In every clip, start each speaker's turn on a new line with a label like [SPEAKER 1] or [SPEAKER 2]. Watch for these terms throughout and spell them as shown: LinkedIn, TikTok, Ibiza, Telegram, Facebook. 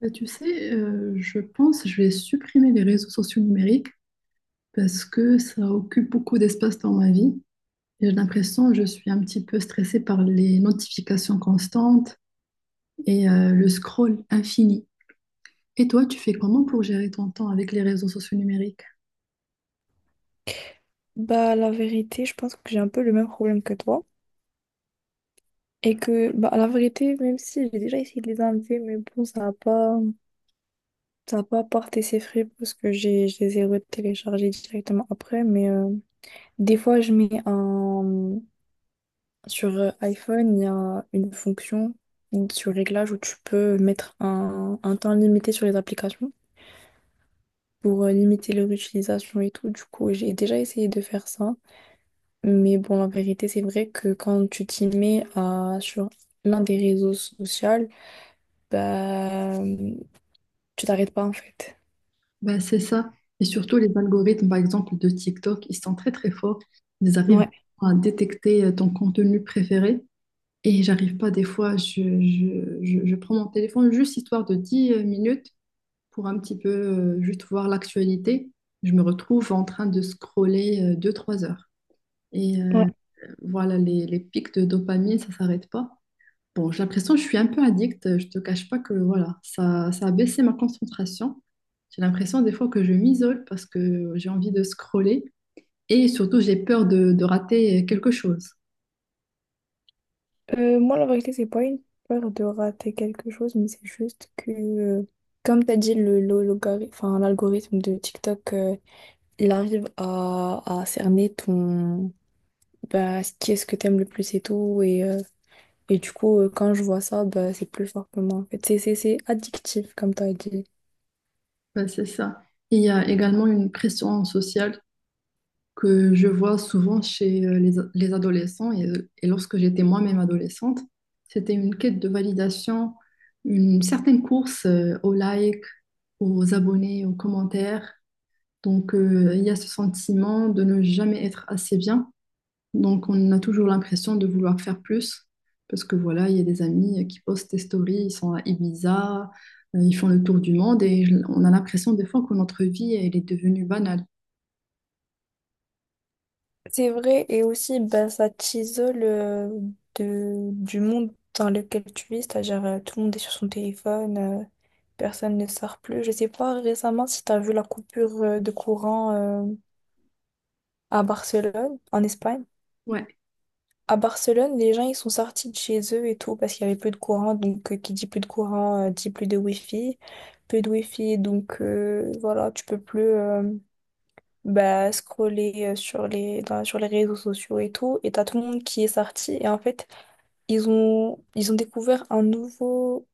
[SPEAKER 1] Je pense que je vais supprimer les réseaux sociaux numériques parce que ça occupe beaucoup d'espace dans ma vie. Et j'ai l'impression que je suis un petit peu stressée par les notifications constantes et le scroll infini. Et toi, tu fais comment pour gérer ton temps avec les réseaux sociaux numériques?
[SPEAKER 2] Bah, la vérité, je pense que j'ai un peu le même problème que toi. Et que, bah, la vérité, même si j'ai déjà essayé de les enlever, mais bon, ça a pas porté ses fruits parce que je les ai retéléchargés directement après. Mais des fois, je mets un. Sur iPhone, il y a une fonction sur réglage où tu peux mettre un temps limité sur les applications pour limiter leur utilisation et tout. Du coup, j'ai déjà essayé de faire ça. Mais bon, la vérité, c'est vrai que quand tu t'y mets à, sur l'un des réseaux sociaux, bah, tu t'arrêtes pas en fait.
[SPEAKER 1] Bah, c'est ça. Et surtout les algorithmes, par exemple, de TikTok, ils sont très très forts. Ils arrivent
[SPEAKER 2] Ouais,
[SPEAKER 1] à détecter ton contenu préféré. Et j'arrive pas, des fois, je prends mon téléphone juste histoire de 10 minutes pour un petit peu juste voir l'actualité. Je me retrouve en train de scroller deux trois heures. Et euh,
[SPEAKER 2] ouais.
[SPEAKER 1] voilà, les pics de dopamine, ça s'arrête pas. Bon, j'ai l'impression que je suis un peu addict. Je te cache pas que voilà, ça a baissé ma concentration. J'ai l'impression des fois que je m'isole parce que j'ai envie de scroller et surtout j'ai peur de rater quelque chose.
[SPEAKER 2] Moi, la vérité, c'est pas une peur de rater quelque chose, mais c'est juste que, comme tu as dit, enfin, l'algorithme de TikTok, il arrive à cerner ton, bah, ce qui est ce que t'aimes le plus et tout. Et du coup, quand je vois ça, bah, c'est plus fort que moi en fait. C'est addictif, comme tu as dit.
[SPEAKER 1] Ben, c'est ça. Il y a également une pression sociale que je vois souvent chez les adolescents et lorsque j'étais moi-même adolescente, c'était une quête de validation, une certaine course aux likes, aux abonnés, aux commentaires. Donc il y a ce sentiment de ne jamais être assez bien. Donc on a toujours l'impression de vouloir faire plus parce que voilà, il y a des amis qui postent des stories, ils sont à Ibiza, ils font le tour du monde et on a l'impression des fois que notre vie elle est devenue banale.
[SPEAKER 2] C'est vrai, et aussi, bah, ça t'isole de, du monde dans lequel tu vis, c'est-à-dire tout le monde est sur son téléphone, personne ne sort plus. Je sais pas récemment si tu as vu la coupure de courant à Barcelone, en Espagne.
[SPEAKER 1] Ouais.
[SPEAKER 2] À Barcelone, les gens, ils sont sortis de chez eux et tout parce qu'il y avait peu de courant, donc qui dit plus de courant, dit plus de wifi, peu de wifi, donc voilà, tu peux plus... bah, scroller sur sur les réseaux sociaux et tout, et t'as tout le monde qui est sorti, et en fait, ils ont découvert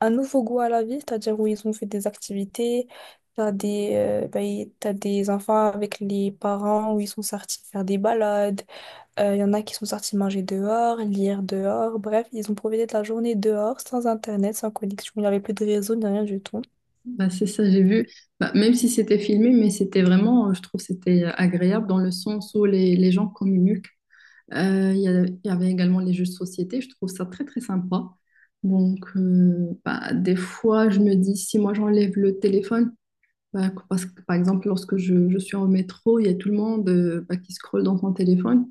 [SPEAKER 2] un nouveau goût à la vie, c'est-à-dire où ils ont fait des activités, t'as des enfants avec les parents où ils sont sortis faire des balades, il y en a qui sont sortis manger dehors, lire dehors, bref, ils ont profité de la journée dehors, sans internet, sans connexion, il n'y avait plus de réseau, ni rien du tout.
[SPEAKER 1] Bah, c'est ça, j'ai vu. Bah, même si c'était filmé, mais c'était vraiment, je trouve, c'était agréable dans le sens où les gens communiquent. Il il y avait également les jeux de société, je trouve ça très, très sympa. Donc, bah, des fois, je me dis, si moi j'enlève le téléphone, bah, parce que par exemple, lorsque je suis en métro, il y a tout le monde bah, qui scrolle dans son téléphone.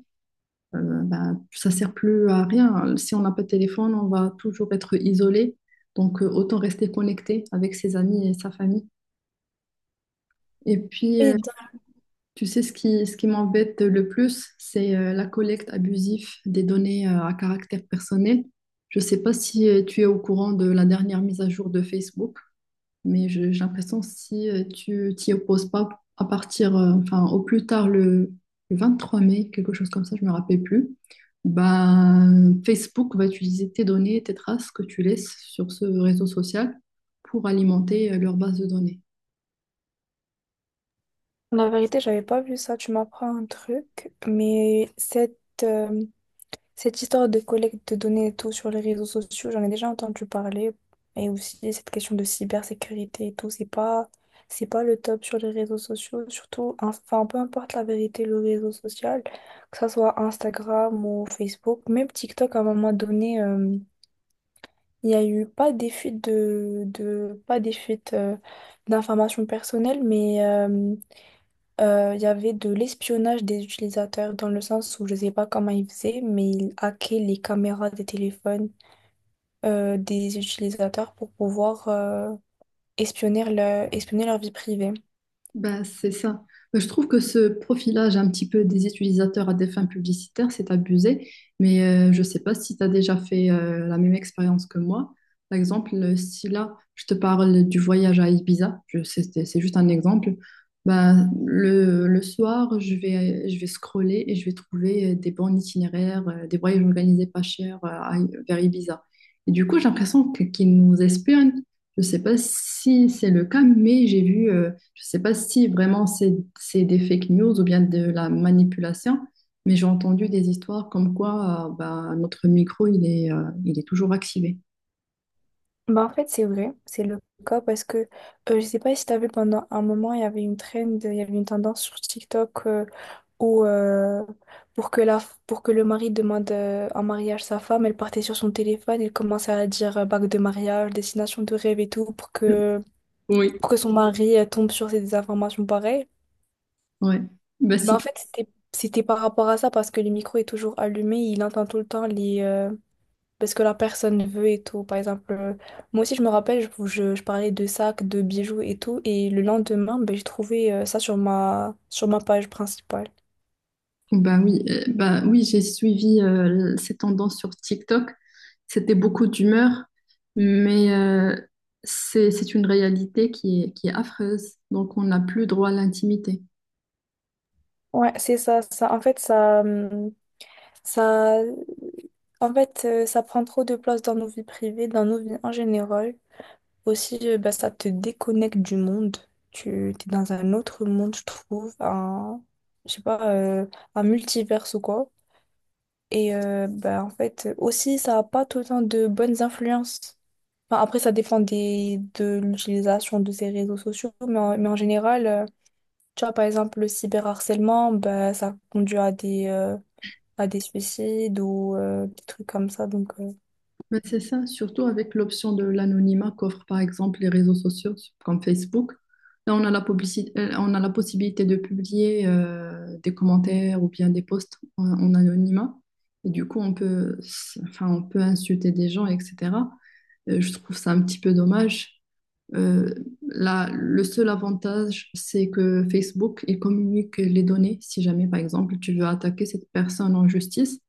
[SPEAKER 1] Bah, ça sert plus à rien. Si on n'a pas de téléphone, on va toujours être isolé. Donc, autant rester connecté avec ses amis et sa famille. Et puis, tu sais, ce qui m'embête le plus, c'est la collecte abusive des données à caractère personnel. Je ne sais pas si tu es au courant de la dernière mise à jour de Facebook, mais j'ai l'impression que si tu t'y opposes pas à partir, enfin, au plus tard le 23 mai, quelque chose comme ça, je me rappelle plus, ben, Facebook va utiliser tes données, tes traces que tu laisses sur ce réseau social pour alimenter leur base de données.
[SPEAKER 2] La vérité, j'avais pas vu ça. Tu m'apprends un truc, mais euh, cette histoire de collecte de données et tout sur les réseaux sociaux, j'en ai déjà entendu parler. Et aussi cette question de cybersécurité et tout, c'est pas le top sur les réseaux sociaux, surtout, enfin, peu importe la vérité, le réseau social, que ça soit Instagram ou Facebook, même TikTok, à un moment donné, il y a eu pas des fuites de pas des fuites, d'informations personnelles, mais il y avait de l'espionnage des utilisateurs dans le sens où je ne sais pas comment ils faisaient, mais ils hackaient les caméras des téléphones des utilisateurs pour pouvoir espionner, espionner leur vie privée.
[SPEAKER 1] Ben, c'est ça. Bah, je trouve que ce profilage un petit peu des utilisateurs à des fins publicitaires, c'est abusé, mais je ne sais pas si tu as déjà fait la même expérience que moi. Par exemple, si là, je te parle du voyage à Ibiza, c'est juste un exemple, ben, le soir, je vais scroller et je vais trouver des bons itinéraires, des voyages organisés pas chers vers Ibiza. Et du coup, j'ai l'impression qu'ils nous espionnent. Je ne sais pas si c'est le cas, mais j'ai vu je ne sais pas si vraiment c'est des fake news ou bien de la manipulation, mais j'ai entendu des histoires comme quoi bah, notre micro, il est toujours activé.
[SPEAKER 2] Bah, en fait, c'est vrai, c'est le cas parce que je ne sais pas si tu as vu pendant un moment, il y avait une trend, il y avait une tendance sur TikTok où pour que la, pour que le mari demande en mariage sa femme, elle partait sur son téléphone, elle commençait à dire bague de mariage, destination de rêve et tout,
[SPEAKER 1] Oui,
[SPEAKER 2] pour que son mari tombe sur ces informations pareilles.
[SPEAKER 1] ouais. Bah,
[SPEAKER 2] Ben en
[SPEAKER 1] si,
[SPEAKER 2] fait, c'était par rapport à ça parce que le micro est toujours allumé, il entend tout le temps les parce que la personne veut et tout. Par exemple, moi aussi je me rappelle, je parlais de sacs, de bijoux et tout, et le lendemain, ben, j'ai trouvé ça sur ma page principale.
[SPEAKER 1] bah oui, j'ai suivi ces tendances sur TikTok. C'était beaucoup d'humeur, mais c'est une réalité qui est affreuse. Donc, on n'a plus droit à l'intimité.
[SPEAKER 2] Ouais, c'est ça, ça. En fait, ça, en fait, ça prend trop de place dans nos vies privées, dans nos vies en général. Aussi, bah, ça te déconnecte du monde. Tu es dans un autre monde, je trouve, un, je sais pas, un multivers ou quoi. Et bah, en fait, aussi, ça n'a pas tout le temps de bonnes influences. Enfin, après, ça dépend de l'utilisation de ces réseaux sociaux, mais en général, tu vois, par exemple, le cyberharcèlement, bah, ça conduit à des suicides ou des trucs comme ça. Donc,
[SPEAKER 1] Mais c'est ça, surtout avec l'option de l'anonymat qu'offrent par exemple les réseaux sociaux comme Facebook. Là, on a la on a la possibilité de publier des commentaires ou bien des posts en anonymat. Et du coup, on peut, enfin, on peut insulter des gens, etc. Je trouve ça un petit peu dommage. Euh, Là, le seul avantage, c'est que Facebook, il communique les données. Si jamais, par exemple, tu veux attaquer cette personne en justice,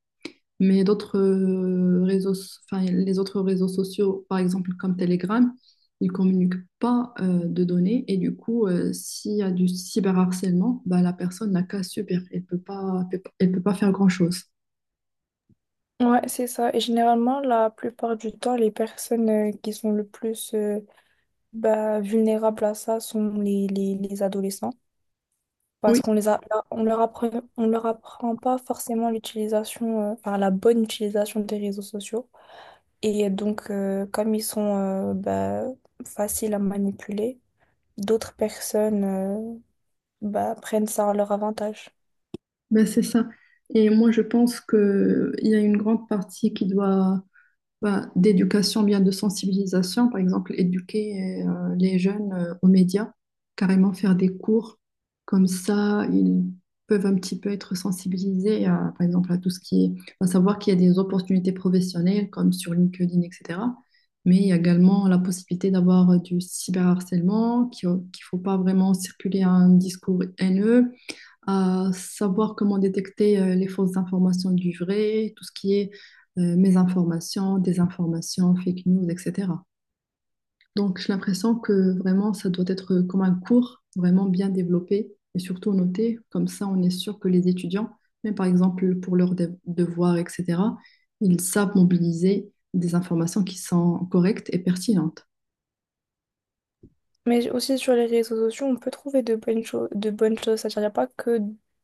[SPEAKER 1] mais d'autres enfin, les autres réseaux sociaux, par exemple comme Telegram, ils communiquent pas de données et du coup, s'il y a du cyberharcèlement, bah, la personne n'a qu'à subir. Elle peut pas faire grand-chose.
[SPEAKER 2] ouais, c'est ça. Et généralement, la plupart du temps, les personnes qui sont le plus bah, vulnérables à ça sont les adolescents. Parce
[SPEAKER 1] Oui,
[SPEAKER 2] qu'on les a, on leur apprend, on leur apprend pas forcément l'utilisation, enfin la bonne utilisation des réseaux sociaux. Et donc, comme ils sont bah, faciles à manipuler, d'autres personnes bah, prennent ça à leur avantage.
[SPEAKER 1] ben c'est ça. Et moi, je pense qu'il y a une grande partie qui doit ben, d'éducation, bien de sensibilisation, par exemple, éduquer les jeunes aux médias, carrément faire des cours, comme ça, ils peuvent un petit peu être sensibilisés, à, par exemple, à tout ce qui est, à savoir qu'il y a des opportunités professionnelles, comme sur LinkedIn, etc. Mais il y a également la possibilité d'avoir du cyberharcèlement, qu'il ne faut pas vraiment circuler un discours haineux, à savoir comment détecter les fausses informations du vrai, tout ce qui est mésinformation, désinformation, fake news, etc. Donc, j'ai l'impression que vraiment, ça doit être comme un cours vraiment bien développé et surtout noté. Comme ça, on est sûr que les étudiants, même par exemple pour leurs devoirs, etc., ils savent mobiliser des informations qui sont correctes et pertinentes.
[SPEAKER 2] Mais aussi sur les réseaux sociaux, on peut trouver de bonnes choses, de bonnes choses. C'est-à-dire, il n'y a pas que,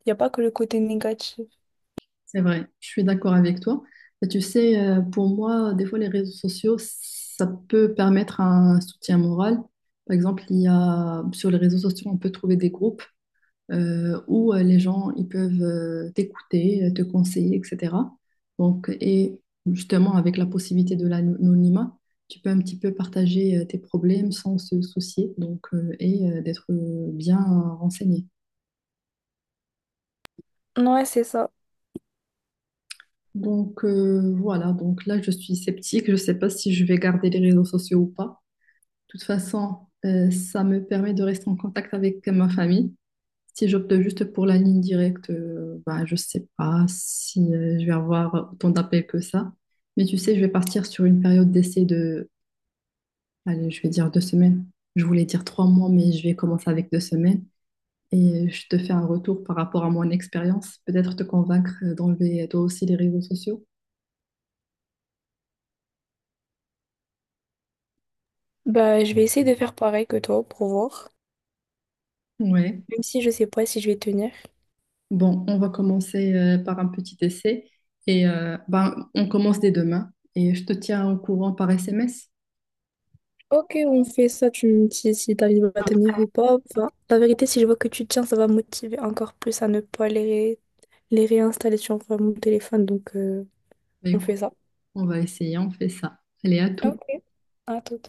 [SPEAKER 2] y a pas que le côté négatif.
[SPEAKER 1] C'est vrai, je suis d'accord avec toi. Et tu sais, pour moi, des fois, les réseaux sociaux, ça peut permettre un soutien moral. Par exemple, il y a, sur les réseaux sociaux, on peut trouver des groupes où les gens ils peuvent t'écouter, te conseiller, etc. Donc, et justement, avec la possibilité de l'anonymat, tu peux un petit peu partager tes problèmes sans se soucier donc, d'être bien renseigné.
[SPEAKER 2] Ouais, c'est ça.
[SPEAKER 1] Donc voilà, donc là je suis sceptique, je ne sais pas si je vais garder les réseaux sociaux ou pas. De toute façon, ça me permet de rester en contact avec ma famille. Si j'opte juste pour la ligne directe, bah, je ne sais pas si je vais avoir autant d'appels que ça. Mais tu sais, je vais partir sur une période d'essai de, allez, je vais dire 2 semaines. Je voulais dire 3 mois, mais je vais commencer avec 2 semaines. Et je te fais un retour par rapport à mon expérience. Peut-être te convaincre d'enlever toi aussi les réseaux sociaux.
[SPEAKER 2] Bah, je vais essayer de faire pareil que toi pour voir,
[SPEAKER 1] Ouais.
[SPEAKER 2] même si je sais pas si je vais tenir.
[SPEAKER 1] Bon, on va commencer par un petit essai et ben, on commence dès demain et je te tiens au courant par SMS.
[SPEAKER 2] Ok, on fait ça, tu me dis si t'arrives à tenir ou pas. Enfin, la vérité, si je vois que tu tiens, ça va me motiver encore plus à ne pas les réinstaller sur mon téléphone. Donc,
[SPEAKER 1] Bah,
[SPEAKER 2] on
[SPEAKER 1] écoute,
[SPEAKER 2] fait ça.
[SPEAKER 1] on va essayer, on fait ça. Allez, à tout.
[SPEAKER 2] Ok, à tout.